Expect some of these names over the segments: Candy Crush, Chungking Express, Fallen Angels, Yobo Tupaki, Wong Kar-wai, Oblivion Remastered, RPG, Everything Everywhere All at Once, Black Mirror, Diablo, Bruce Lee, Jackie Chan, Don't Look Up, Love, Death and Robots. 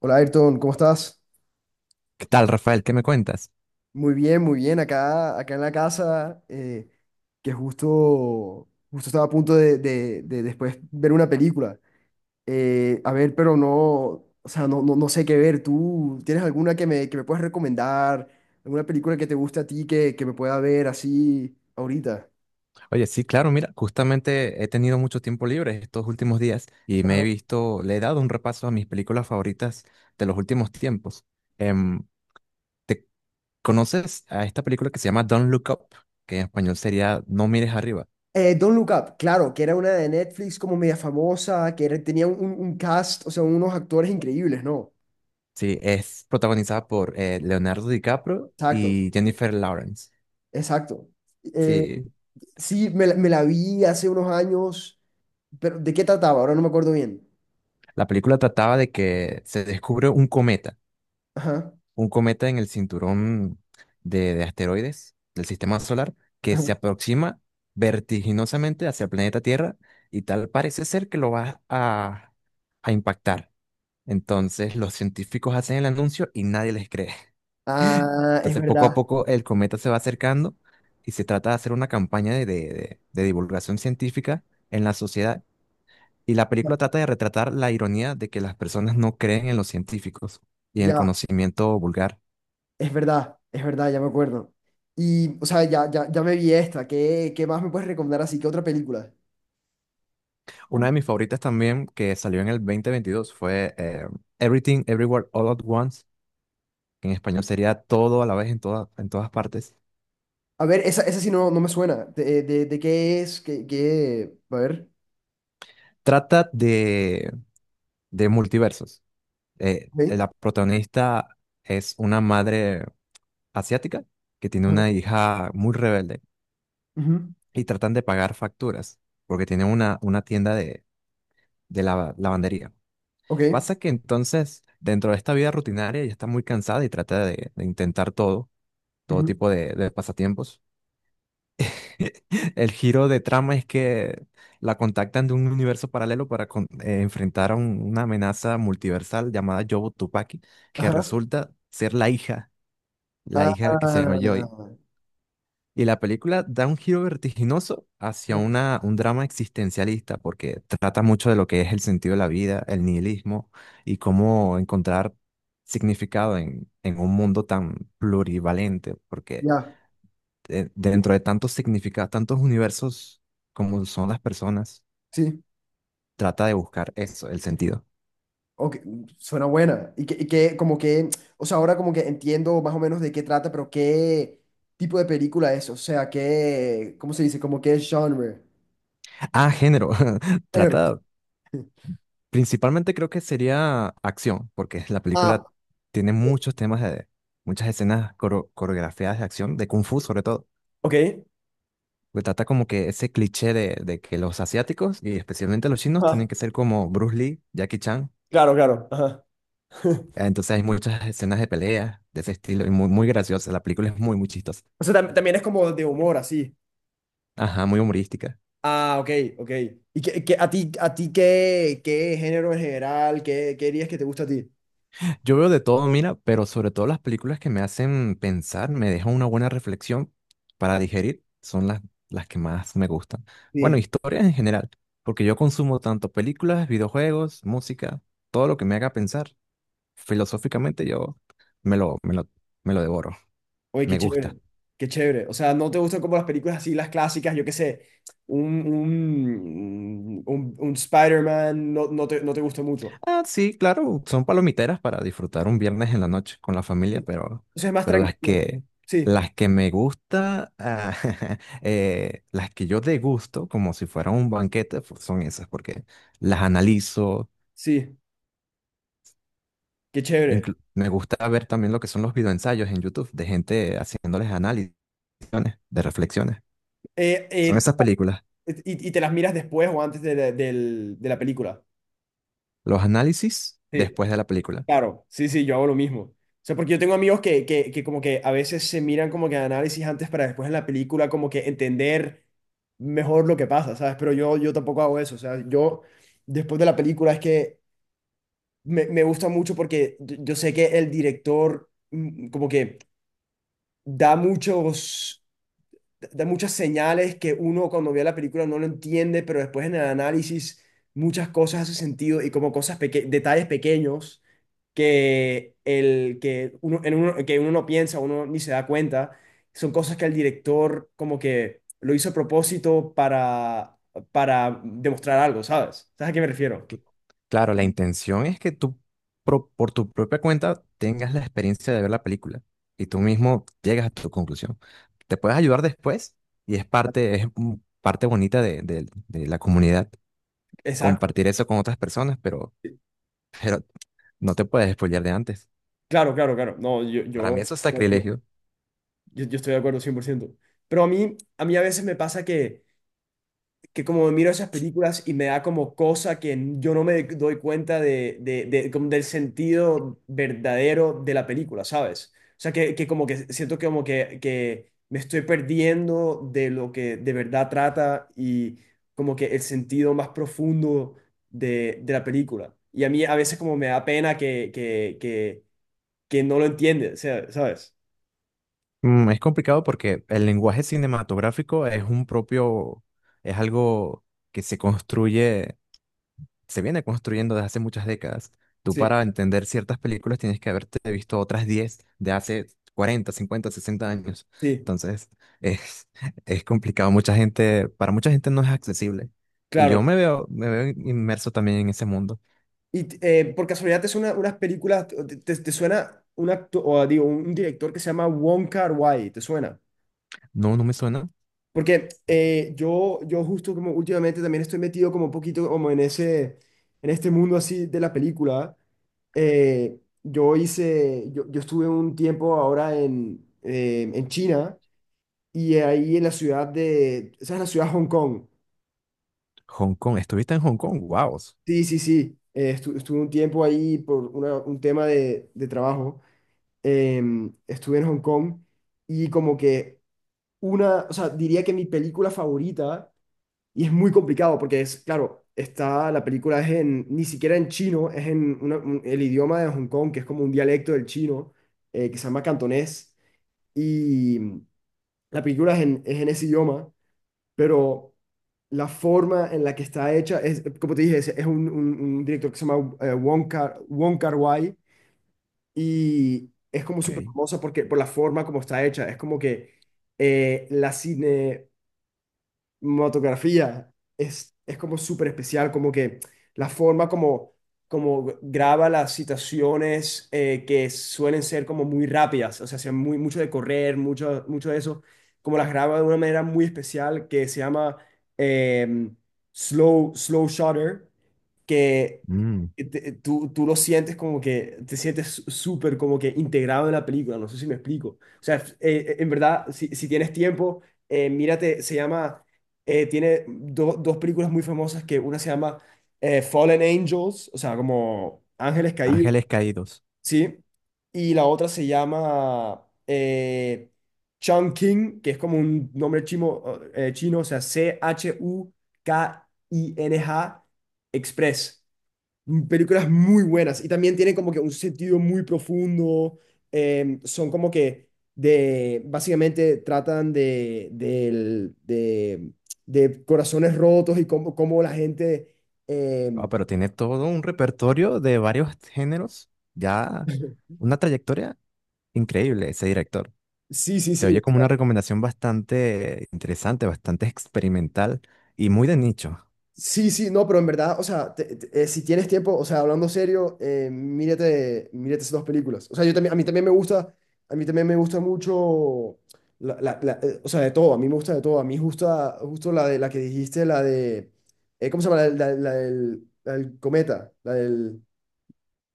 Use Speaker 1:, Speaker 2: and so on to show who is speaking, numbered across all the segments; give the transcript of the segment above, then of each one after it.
Speaker 1: Hola Ayrton, ¿cómo estás?
Speaker 2: ¿Qué tal, Rafael? ¿Qué me cuentas?
Speaker 1: Muy bien, muy bien. Acá en la casa, que justo estaba a punto de después ver una película. A ver, pero no, o sea, no, no, no sé qué ver. ¿Tú tienes alguna que me puedas recomendar? ¿Alguna película que te guste a ti que me pueda ver así ahorita?
Speaker 2: Oye, sí, claro, mira, justamente he tenido mucho tiempo libre estos últimos días y me he
Speaker 1: Ajá.
Speaker 2: visto, le he dado un repaso a mis películas favoritas de los últimos tiempos. Em, ¿Te conoces a esta película que se llama Don't Look Up, que en español sería No mires arriba?
Speaker 1: Don't Look Up, claro, que era una de Netflix como media famosa, tenía un cast, o sea, unos actores increíbles, ¿no?
Speaker 2: Sí, es protagonizada por Leonardo DiCaprio
Speaker 1: Exacto,
Speaker 2: y Jennifer Lawrence.
Speaker 1: exacto. Eh,
Speaker 2: Sí,
Speaker 1: Sí, me la vi hace unos años, pero ¿de qué trataba? Ahora no me acuerdo bien.
Speaker 2: la película trataba de que se descubre
Speaker 1: Ajá.
Speaker 2: un cometa en el cinturón de asteroides del sistema solar que se
Speaker 1: Ajá.
Speaker 2: aproxima vertiginosamente hacia el planeta Tierra y tal parece ser que a impactar. Entonces los científicos hacen el anuncio y nadie les cree.
Speaker 1: Ah,
Speaker 2: Entonces poco a poco el cometa se va acercando y se trata de hacer una campaña de divulgación científica en la sociedad. Y la película trata de retratar la ironía de que las personas no creen en los científicos y en el
Speaker 1: ya,
Speaker 2: conocimiento vulgar.
Speaker 1: es verdad, ya me acuerdo. Y, o sea, ya, ya, ya me vi esta. ¿Qué más me puedes recomendar así? ¿Qué otra película?
Speaker 2: Una de mis favoritas también que salió en el 2022 fue Everything Everywhere All at Once, que en español sería todo a la vez en todas partes.
Speaker 1: A ver, esa sí no, no me suena. ¿De qué es? ¿Qué, qué? A ver.
Speaker 2: Trata de multiversos.
Speaker 1: Ok.
Speaker 2: La protagonista es una madre asiática que tiene
Speaker 1: Ajá.
Speaker 2: una hija muy rebelde
Speaker 1: Ujú.
Speaker 2: y tratan de pagar facturas porque tiene una tienda de lavandería.
Speaker 1: Ok.
Speaker 2: Pasa que entonces, dentro de esta vida rutinaria, ella está muy cansada y trata de intentar todo, todo
Speaker 1: Ujú.
Speaker 2: tipo de pasatiempos. El giro de trama es que la contactan de un universo paralelo para enfrentar a una amenaza multiversal llamada Yobo Tupaki, que
Speaker 1: Ajá.
Speaker 2: resulta ser la hija que se llama Joy.
Speaker 1: Ah,
Speaker 2: Y la película da un giro vertiginoso hacia un drama existencialista, porque trata mucho de lo que es el sentido de la vida, el nihilismo y cómo encontrar significado en un mundo tan plurivalente, porque
Speaker 1: ya,
Speaker 2: dentro de tantos significados, tantos universos como son las personas,
Speaker 1: sí.
Speaker 2: trata de buscar eso, el sentido.
Speaker 1: Ok, suena buena. Y que como que, o sea, ahora como que entiendo más o menos de qué trata, pero qué tipo de película es, o sea, qué, ¿cómo se dice? Como qué genre.
Speaker 2: Ah, género.
Speaker 1: Género.
Speaker 2: Trata, principalmente creo que sería acción, porque la
Speaker 1: Ah,
Speaker 2: película tiene muchos temas de, muchas escenas coreografiadas de acción, de Kung Fu sobre todo,
Speaker 1: ok.
Speaker 2: que trata como que ese cliché de que los asiáticos y especialmente los chinos tienen
Speaker 1: Ah,
Speaker 2: que ser como Bruce Lee, Jackie Chan.
Speaker 1: claro, claro. Ajá.
Speaker 2: Entonces hay muchas escenas de pelea de ese estilo y muy, muy graciosa. La película es muy, muy chistosa.
Speaker 1: O sea, también es como de humor, así.
Speaker 2: Ajá, muy humorística.
Speaker 1: Ah, ok, ok. ¿Y a ti qué género en general, qué dirías que te gusta a ti?
Speaker 2: Yo veo de todo, mira, pero sobre todo las películas que me hacen pensar, me dejan una buena reflexión para digerir, son las que más me gustan. Bueno,
Speaker 1: Sí.
Speaker 2: historias en general, porque yo consumo tanto películas, videojuegos, música, todo lo que me haga pensar filosóficamente, yo me lo, me lo, me lo devoro.
Speaker 1: Oye, qué
Speaker 2: Me gusta.
Speaker 1: chévere, qué chévere. O sea, ¿no te gustan como las películas así, las clásicas, yo qué sé, un Spider-Man, no, no te gusta mucho?
Speaker 2: Ah, sí, claro, son palomiteras para disfrutar un viernes en la noche con la familia,
Speaker 1: Sí. Eso es más
Speaker 2: pero
Speaker 1: tranquilo. Sí,
Speaker 2: las que me gusta, ah, las que yo degusto como si fuera un banquete, pues, son esas, porque las analizo.
Speaker 1: sí, qué chévere.
Speaker 2: Me gusta ver también lo que son los videoensayos en YouTube de gente haciéndoles análisis, de reflexiones.
Speaker 1: Eh,
Speaker 2: Son
Speaker 1: eh,
Speaker 2: esas películas,
Speaker 1: y te las miras después o antes de la película.
Speaker 2: los análisis
Speaker 1: Sí.
Speaker 2: después de la película.
Speaker 1: Claro, sí, sí, yo hago lo mismo. O sea, porque yo tengo amigos que como que a veces se miran como que análisis antes para después en la película como que entender mejor lo que pasa, ¿sabes? Pero yo tampoco hago eso. O sea, yo después de la película es que me gusta mucho porque yo sé que el director como que da muchos, da muchas señales que uno cuando ve la película no lo entiende, pero después en el análisis muchas cosas hacen sentido y como cosas, detalles pequeños que uno no piensa, uno ni se da cuenta. Son cosas que el director como que lo hizo a propósito para demostrar algo, ¿sabes? ¿Sabes a qué me refiero?
Speaker 2: Cl- Claro, la intención es que tú, por tu propia cuenta, tengas la experiencia de ver la película y tú mismo llegas a tu conclusión. Te puedes ayudar después y es parte, es parte bonita de, de la comunidad,
Speaker 1: Exacto.
Speaker 2: compartir eso con otras personas, pero no te puedes spoilear de antes.
Speaker 1: Claro, claro, claro. No,
Speaker 2: Para mí eso es
Speaker 1: yo,
Speaker 2: sacrilegio.
Speaker 1: yo estoy de acuerdo 100%. Pero a mí a veces me pasa que como miro esas películas y me da como cosa que yo no me doy cuenta como del sentido verdadero de la película, ¿sabes? O sea, que como que siento que como que me estoy perdiendo de lo que de verdad trata y como que el sentido más profundo de la película. Y a mí a veces como me da pena que no lo entiende, o sea, ¿sabes?
Speaker 2: Mm, es complicado porque el lenguaje cinematográfico es un propio, es algo que se construye se viene construyendo desde hace muchas décadas. Tú
Speaker 1: Sí,
Speaker 2: para entender ciertas películas tienes que haberte visto otras 10 de hace 40, 50, 60 años.
Speaker 1: sí,
Speaker 2: Entonces, es, es complicado. Mucha gente, para mucha gente no es accesible. Y yo
Speaker 1: claro.
Speaker 2: me veo inmerso también en ese mundo.
Speaker 1: Y por casualidad te suena unas películas, te suena un o digo, un director que se llama Wong Kar-wai, ¿te suena?
Speaker 2: No, no me suena.
Speaker 1: Porque yo justo como últimamente también estoy metido como un poquito como en ese, en este mundo así de la película. Yo estuve un tiempo ahora en China y ahí en la ciudad esa es la ciudad de Hong Kong.
Speaker 2: Hong Kong. ¿Estuviste en Hong Kong? Wow.
Speaker 1: Sí, sí, sí. Estuve un tiempo ahí por un tema de trabajo. Estuve en Hong Kong y como que o sea, diría que mi película favorita, y es muy complicado porque es, claro, está, la película es en, ni siquiera en chino, es en el idioma de Hong Kong, que es como un dialecto del chino, que se llama cantonés, y la película es en ese idioma, pero la forma en la que está hecha es, como te dije, es un director que se llama Wong Kar-wai, y es como súper
Speaker 2: Ok.
Speaker 1: famosa porque, por la forma como está hecha. Es como que la cine, motografía es como súper especial, como que la forma como graba las situaciones que suelen ser como muy rápidas, o sea, sea mucho de correr, mucho de eso, como las graba de una manera muy especial que se llama em, slow shutter, que
Speaker 2: Mm,
Speaker 1: tú lo sientes como que te sientes súper como que integrado en la película, no sé si me explico. O sea, en verdad, si tienes tiempo, mírate, se llama tiene dos películas muy famosas que una se llama Fallen Angels, o sea, como Ángeles Caídos,
Speaker 2: Ángeles Caídos.
Speaker 1: ¿sí? Y la otra se llama Chungking, que es como un nombre chino, o sea, Chuking Express películas muy buenas y también tienen como que un sentido muy profundo. Son como que básicamente tratan de corazones rotos y cómo la gente.
Speaker 2: Ah,
Speaker 1: em,
Speaker 2: pero tiene todo un repertorio de varios géneros. Ya una trayectoria increíble ese director.
Speaker 1: sí, sí,
Speaker 2: Se
Speaker 1: sí.
Speaker 2: oye como una recomendación bastante interesante, bastante experimental y muy de nicho.
Speaker 1: Sí, sí, no, pero en verdad, o sea, si tienes tiempo, o sea, hablando serio, mírate, mírate esas dos películas. O sea, yo también, a mí también me gusta, a mí también me gusta mucho, o sea, de todo, a mí me gusta de todo. A mí gusta, justo la de la que dijiste, la de, ¿cómo se llama? La del cometa, la del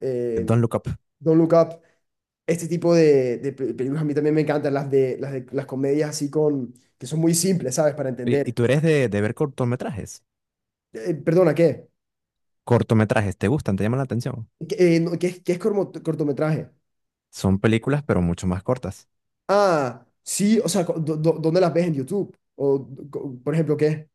Speaker 1: eh,
Speaker 2: Don't Look Up.
Speaker 1: Don't Look Up. Este tipo de películas a mí también me encantan, las de las comedias así que son muy simples, ¿sabes? Para
Speaker 2: Oye, ¿y
Speaker 1: entender.
Speaker 2: tú eres de ver cortometrajes?
Speaker 1: Perdona, ¿qué?
Speaker 2: Cortometrajes, ¿te gustan? ¿Te llaman la atención?
Speaker 1: No, que es cortometraje.
Speaker 2: Son películas, pero mucho más cortas.
Speaker 1: Ah, sí, o sea, ¿dónde las ves en YouTube? O, por ejemplo, ¿qué?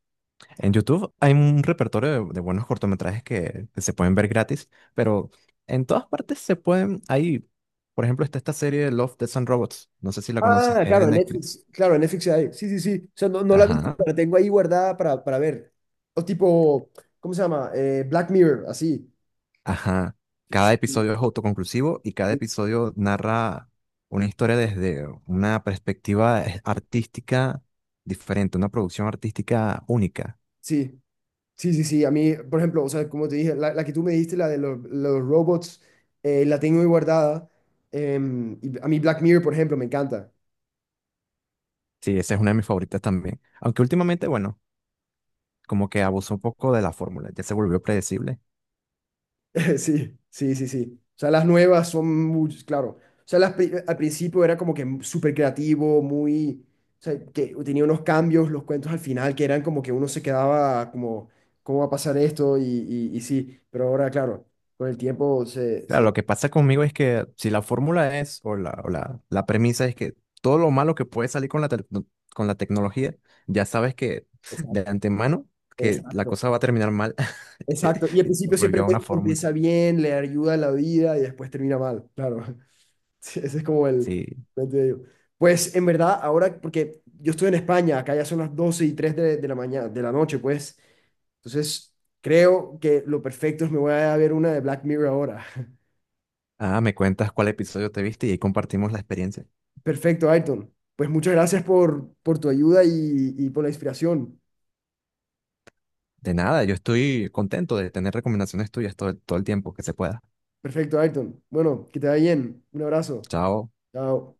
Speaker 2: En YouTube hay un repertorio de buenos cortometrajes que se pueden ver gratis, pero en todas partes se pueden... Hay, por ejemplo, está esta serie Love, Death and Robots. No sé si la conoces,
Speaker 1: Ah,
Speaker 2: es de
Speaker 1: claro, en
Speaker 2: Netflix.
Speaker 1: Netflix. Claro, en Netflix hay. Sí, sí, sí. O sea, no, no la he visto,
Speaker 2: Ajá.
Speaker 1: pero la tengo ahí guardada para ver. O tipo, ¿cómo se llama? Black Mirror, así.
Speaker 2: Ajá. Cada
Speaker 1: Sí,
Speaker 2: episodio es autoconclusivo y cada
Speaker 1: sí,
Speaker 2: episodio narra una historia desde una perspectiva artística diferente, una producción artística única.
Speaker 1: sí, sí. Sí, sí, a mí, por ejemplo, o sea, como te dije, la que tú me diste, la de los robots, la tengo ahí guardada. Y a mí Black Mirror, por ejemplo, me encanta.
Speaker 2: Sí, esa es una de mis favoritas también. Aunque últimamente, bueno, como que abusó un poco de la fórmula, ya se volvió predecible.
Speaker 1: Sí, sí, sí, sí. O sea, las nuevas son muy, claro. O sea, al principio era como que súper creativo, muy, o sea, que tenía unos cambios, los cuentos al final, que eran como que uno se quedaba como, ¿cómo va a pasar esto? Y sí, pero ahora, claro, con el tiempo se,
Speaker 2: Claro,
Speaker 1: se...
Speaker 2: lo que pasa conmigo es que si la fórmula es, la premisa es que todo lo malo que puede salir con la, tec- no, con la tecnología, ya sabes que de
Speaker 1: Exacto,
Speaker 2: antemano que la
Speaker 1: exacto,
Speaker 2: cosa va a terminar mal.
Speaker 1: exacto. Y al
Speaker 2: Y
Speaker 1: principio siempre
Speaker 2: se una fórmula.
Speaker 1: empieza bien, le ayuda a la vida y después termina mal, claro. Sí, ese es como el...
Speaker 2: Sí.
Speaker 1: el de ello. Pues en verdad, ahora, porque yo estoy en España, acá ya son las 12:03 de la mañana, de la noche, pues. Entonces, creo que lo perfecto es me voy a ver una de Black Mirror ahora.
Speaker 2: Ah, me cuentas cuál episodio te viste y ahí compartimos la experiencia.
Speaker 1: Perfecto, Ayrton. Pues muchas gracias por tu ayuda y por la inspiración.
Speaker 2: De nada, yo estoy contento de tener recomendaciones tuyas todo, todo el tiempo que se pueda.
Speaker 1: Perfecto, Ayrton. Bueno, que te vaya bien. Un abrazo.
Speaker 2: Chao.
Speaker 1: Chao.